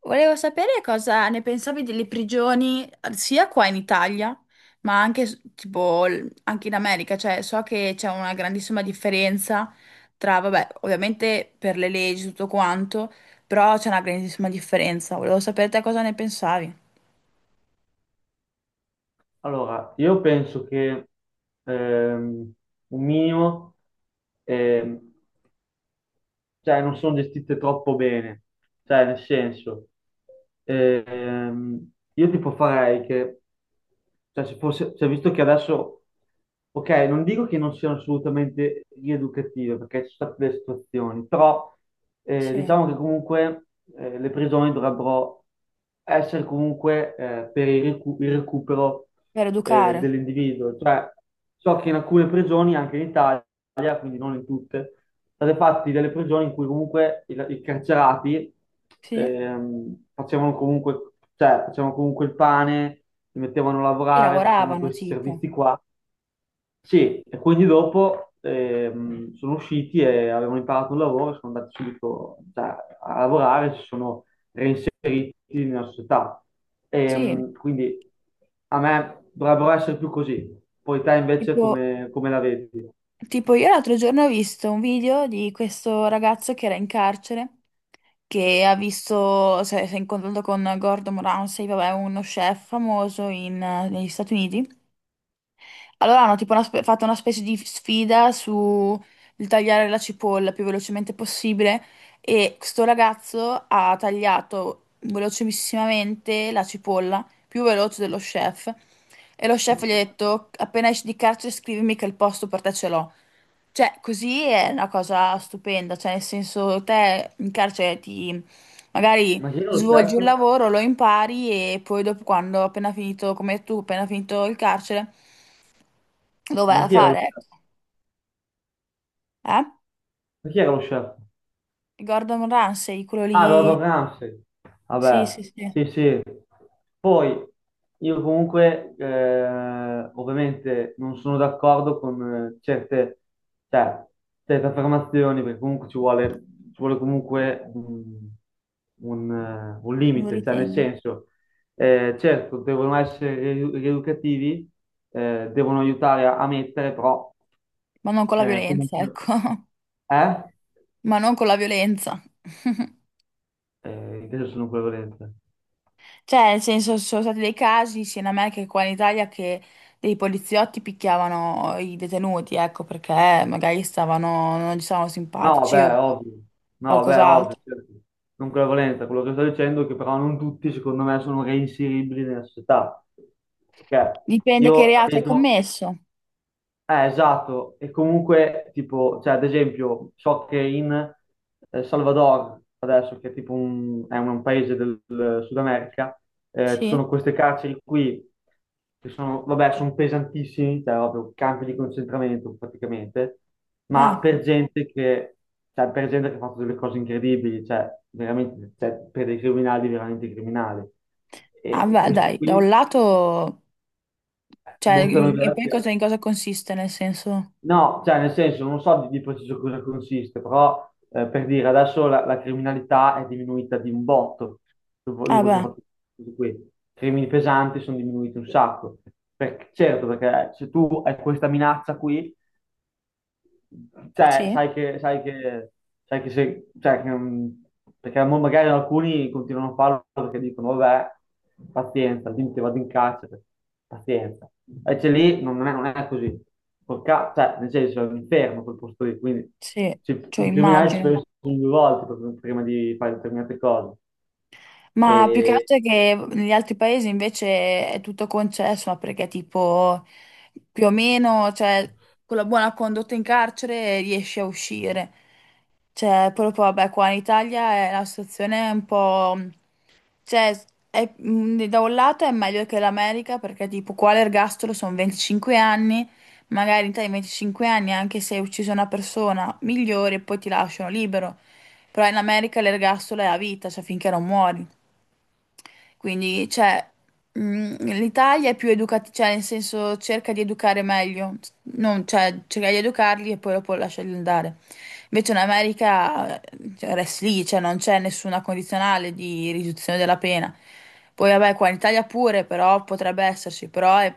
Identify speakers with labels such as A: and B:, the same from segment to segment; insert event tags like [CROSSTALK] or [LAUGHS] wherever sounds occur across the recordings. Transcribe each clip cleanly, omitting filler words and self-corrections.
A: Volevo sapere cosa ne pensavi delle prigioni sia qua in Italia, ma anche anche in America, cioè so che c'è una grandissima differenza tra, vabbè, ovviamente per le leggi tutto quanto, però c'è una grandissima differenza. Volevo sapere te cosa ne pensavi.
B: Allora, io penso che ehm, un minimo ehm, cioè non sono gestite troppo bene, cioè nel senso, io tipo farei che, cioè se fosse, cioè, visto che adesso, ok, non dico che non siano assolutamente rieducative, perché ci sono state delle situazioni, però
A: Sì,
B: diciamo che comunque le prigioni dovrebbero essere comunque per il recupero
A: per educare.
B: dell'individuo, cioè so che in alcune prigioni, anche in Italia, quindi non in tutte, state fatti delle prigioni in cui comunque i carcerati
A: Sì?
B: facevano comunque, cioè, facevano comunque il pane, li mettevano a
A: Sì,
B: lavorare, facevano
A: lavoravano
B: questi
A: tipo.
B: servizi qua. Sì, e quindi dopo sono usciti e avevano imparato un lavoro, sono andati subito cioè, a lavorare, si sono reinseriti nella società.
A: Sì.
B: Quindi a me dovrebbero essere più così. Poi te invece
A: Tipo,
B: come la vedi?
A: tipo, io l'altro giorno ho visto un video di questo ragazzo che era in carcere, che ha visto, si è incontrato con Gordon Ramsay, vabbè, uno chef famoso negli Stati Uniti. Allora hanno fatto una specie di sfida su il tagliare la cipolla più velocemente possibile, e questo ragazzo ha tagliato velocissimamente la cipolla, più veloce dello chef. E lo chef gli ha detto, appena esci di carcere scrivimi che il posto per te ce l'ho. Cioè, così è una cosa stupenda, cioè nel senso te in carcere ti magari
B: Ma chi era lo chef?
A: svolgi un lavoro, lo impari e poi dopo quando appena finito, come tu, appena finito il carcere, lo vai
B: Ma
A: a
B: chi era lo
A: fare,
B: chef?
A: ecco. Eh?
B: Ma chi era lo chef?
A: Gordon Ramsay, quello
B: Ah,
A: lì,
B: Gordon Ramsay.
A: sì,
B: Vabbè,
A: sì, sì,
B: sì, sì. Poi io comunque, ovviamente, non sono d'accordo con certe, cioè, certe affermazioni, perché comunque ci vuole comunque un
A: lo
B: limite, cioè nel
A: ritengo,
B: senso, certo, devono essere rieducativi, devono aiutare a mettere, però
A: ma non con la
B: comunque.
A: violenza, ecco, [LAUGHS]
B: Eh?
A: ma non con la violenza. [LAUGHS]
B: Invece sono nucleo volente.
A: Cioè, nel senso, ci sono stati dei casi sia in America che qua in Italia che dei poliziotti picchiavano i detenuti, ecco, perché magari stavano, non gli stavano
B: No,
A: simpatici o
B: beh, ovvio. No, bè, ovvio,
A: qualcos'altro.
B: certo. Nucleo volente. Quello che sto dicendo è che però non tutti, secondo me, sono reinseribili nella società. Perché
A: Dipende che
B: io la
A: reato hai
B: vedo.
A: commesso.
B: Esatto, e comunque tipo, cioè ad esempio, so che in Salvador, adesso che è tipo è un paese del Sud America, ci
A: Sì?
B: sono queste carceri qui che sono, vabbè, sono pesantissimi, cioè proprio campi di concentramento praticamente, ma
A: Ah,
B: per gente che, cioè, per gente che ha fatto delle cose incredibili, cioè veramente, cioè, per dei criminali veramente criminali.
A: ah,
B: E
A: beh, dai,
B: questi
A: da un
B: qui
A: lato... Cioè,
B: buttano via
A: e
B: la
A: poi
B: via.
A: cosa, in cosa consiste, nel senso...
B: No, cioè nel senso, non so di preciso cosa consiste, però per dire adesso la criminalità è diminuita di un botto, dopo,
A: Ah,
B: dopo che ho
A: beh,
B: fatto tutto questo. I crimini pesanti sono diminuiti un sacco. Perché, certo, perché se tu hai questa minaccia qui, cioè,
A: sì,
B: sai che se, cioè, che, perché mo magari alcuni continuano a farlo perché dicono, vabbè, pazienza, dimmi che vado in carcere, pazienza. Invece lì non è così. Cioè, nel senso, è un inferno quel posto lì, quindi
A: sì, cioè
B: i criminali ci
A: immagino.
B: pensano due volte prima di fare determinate cose.
A: Ma più che
B: E,
A: altro è che negli altri paesi invece è tutto concesso, ma perché tipo più o meno, cioè, con la buona condotta in carcere riesci a uscire. Cioè, proprio, vabbè, qua in Italia la situazione è un po'... Cioè, da un lato è meglio che l'America, perché tipo qua l'ergastolo sono 25 anni, magari in Italia i 25 anni, anche se hai ucciso una persona, migliore, poi ti lasciano libero. Però in America l'ergastolo è a vita, cioè finché non muori. Quindi, cioè, l'Italia è più educativa, cioè, nel senso, cerca di educare meglio, non, cioè, cerca di educarli e poi dopo lasciarli andare. Invece in America, cioè, rest lì, cioè, non c'è nessuna condizionale di riduzione della pena. Poi, vabbè, qua in Italia pure, però potrebbe esserci, però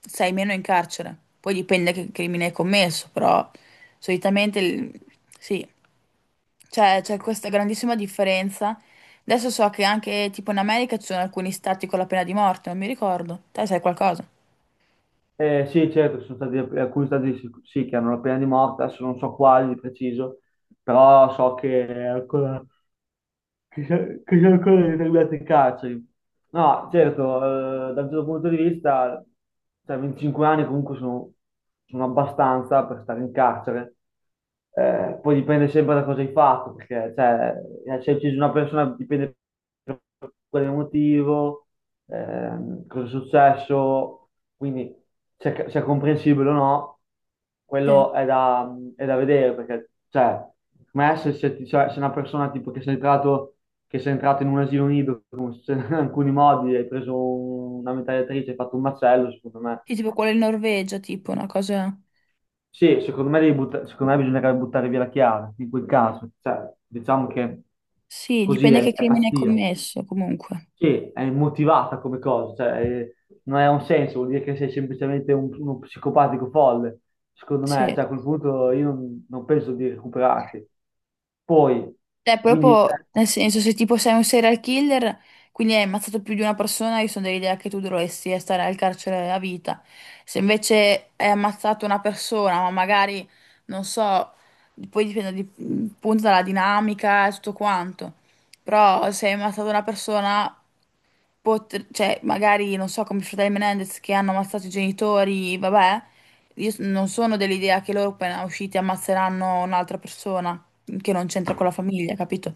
A: sei meno in carcere. Poi dipende che crimine hai commesso, però solitamente, sì. Cioè, c'è questa grandissima differenza. Adesso so che anche tipo in America ci sono alcuni stati con la pena di morte, non mi ricordo. Te sai qualcosa?
B: sì, certo, ci sono stati alcuni stati sì, sì, che hanno la pena di morte, adesso non so quali di preciso, però so che è ancora, che c'è ancora determinate carceri. No, certo, da un certo punto di vista, cioè 25 anni comunque sono abbastanza per stare in carcere. Poi dipende sempre da cosa hai fatto, perché cioè, se hai ucciso una persona dipende da quale motivo, cosa è successo, quindi se è comprensibile o no.
A: Sì.
B: Quello è è da vedere perché, cioè, secondo me se, se ti- cioè, se una persona tipo che sei entrato in un asilo nido [LAUGHS] alcuni modi, hai preso una mitragliatrice, hai fatto un macello, secondo me
A: Sì, tipo quello in Norvegia, tipo una cosa...
B: sì, secondo me, secondo me bisognerebbe buttare via la chiave, in quel caso. Cioè, diciamo che
A: Sì,
B: così
A: dipende
B: è,
A: che
B: è
A: crimine hai
B: pazzia,
A: commesso, comunque.
B: che è motivata come cosa, cioè, non ha un senso, vuol dire che sei semplicemente uno psicopatico folle. Secondo me,
A: Sì.
B: cioè, a quel punto io non penso di recuperarti. Poi,
A: Cioè,
B: quindi
A: proprio, nel senso, se tipo sei un serial killer, quindi hai ammazzato più di una persona, io sono dell'idea che tu dovresti stare al carcere a vita. Se invece hai ammazzato una persona, ma magari, non so, poi dipende appunto dalla dinamica e tutto quanto, però se hai ammazzato una persona, cioè, magari, non so, come i fratelli Menendez che hanno ammazzato i genitori, vabbè, io non sono dell'idea che loro appena usciti ammazzeranno un'altra persona che non c'entra con la famiglia, capito?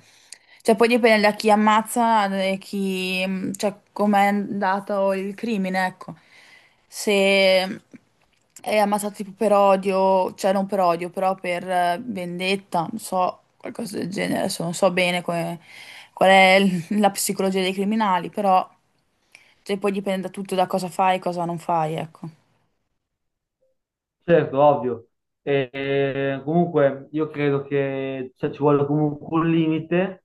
A: Cioè, poi dipende da chi ammazza e chi, cioè, com'è andato il crimine, ecco. Se è ammazzato tipo per odio, cioè non per odio, però per vendetta, non so, qualcosa del genere, adesso non so bene qual è [LAUGHS] la psicologia dei criminali, però cioè, poi dipende da tutto da cosa fai e cosa non fai, ecco.
B: certo, ovvio. E, comunque io credo che cioè, ci vuole comunque un limite,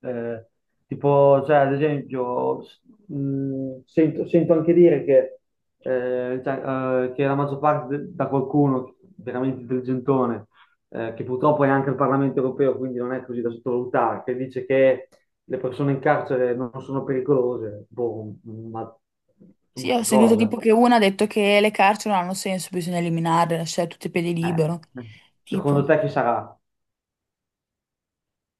B: eh, tipo, cioè, ad esempio, sento anche dire che, cioè, che la maggior parte da qualcuno veramente intelligentone, che purtroppo è anche il Parlamento europeo, quindi non è così da sottovalutare, che dice che le persone in carcere non sono pericolose, boh, ma,
A: Sì,
B: ma
A: ho
B: che
A: sentito tipo
B: cosa?
A: che una ha detto che le carceri non hanno senso, bisogna eliminarle, lasciare tutti i piedi
B: Eh,
A: libero.
B: secondo
A: Tipo,
B: te chi sarà?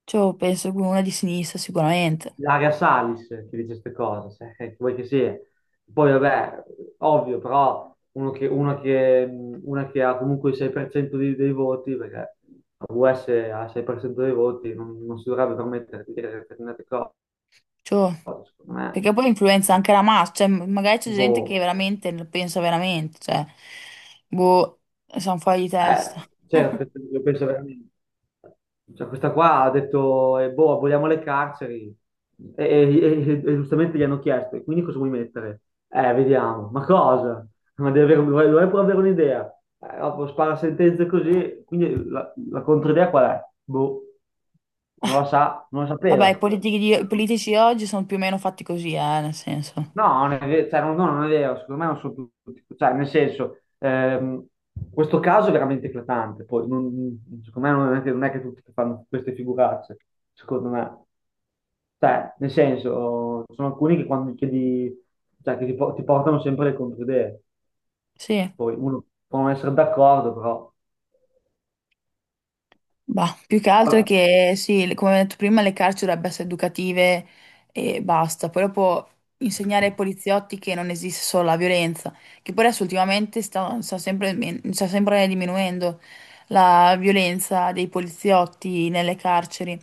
A: cioè, penso che una di sinistra sicuramente.
B: Ilaria Salis che dice queste cose, [LAUGHS] che vuoi che sia. Poi vabbè, ovvio, però uno che, una, che, una che ha comunque il 6% dei voti, perché la US ha il 6% dei voti, non si dovrebbe permettere di dire determinate cose,
A: Cioè,
B: secondo me,
A: perché poi influenza
B: eh,
A: anche la massa, cioè, magari c'è gente che
B: boh.
A: veramente lo pensa veramente, cioè, boh, sono fuori di testa.
B: Certo,
A: [LAUGHS]
B: io penso veramente. Cioè, questa qua ha detto, boh, aboliamo le carceri. E, giustamente gli hanno chiesto, e quindi cosa vuoi mettere? Vediamo. Ma cosa? Ma devi avere, vuoi pure avere un'idea? Dopo spara sentenze così, quindi la controidea qual è? Boh, non la sa, non la sapeva.
A: Vabbè, i politici, i politici oggi sono più o meno fatti così, nel senso.
B: No, non è ve- cioè, non è vero, secondo me non sono tutti, cioè, nel senso, questo caso è veramente eclatante, poi secondo me non è, che non è che tutti fanno queste figuracce, secondo me, cioè, nel senso, sono alcuni che quando chiedi, cioè, che ti portano sempre le controidee,
A: Sì.
B: poi uno può non essere d'accordo, però.
A: Bah, più che altro è
B: Vabbè,
A: che sì, come ho detto prima, le carceri dovrebbero essere educative e basta. Poi dopo insegnare ai poliziotti che non esiste solo la violenza, che poi adesso ultimamente sta sempre diminuendo la violenza dei poliziotti nelle carceri.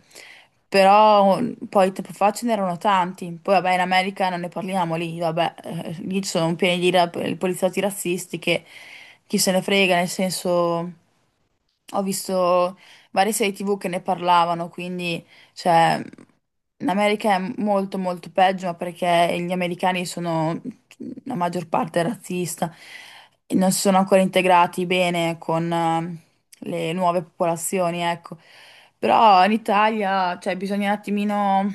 A: Però mm, poi tempo fa ce n'erano tanti. Poi vabbè, in America non ne parliamo lì, vabbè, lì ci sono pieni di poliziotti razzisti che chi se ne frega, nel senso. Ho visto varie serie TV che ne parlavano, quindi cioè, in America è molto molto peggio, ma perché gli americani sono la maggior parte razzista e non si sono ancora integrati bene con le nuove popolazioni, ecco. Però in Italia, cioè, bisogna un attimino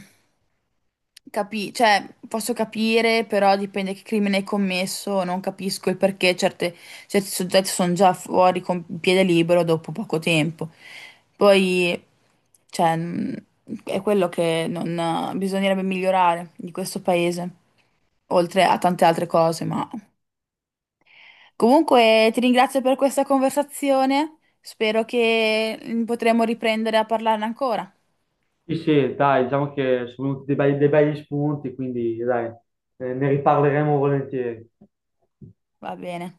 A: Cioè, posso capire, però dipende che crimine hai commesso, non capisco il perché certi soggetti sono già fuori con piede libero dopo poco tempo. Poi, cioè, è quello che non, bisognerebbe migliorare di questo paese, oltre a tante altre cose, ma... Comunque, ti ringrazio per questa conversazione, spero che potremo riprendere a parlarne ancora.
B: sì, sì, dai, diciamo che sono venuti dei begli spunti, quindi, dai, ne riparleremo volentieri.
A: Va bene.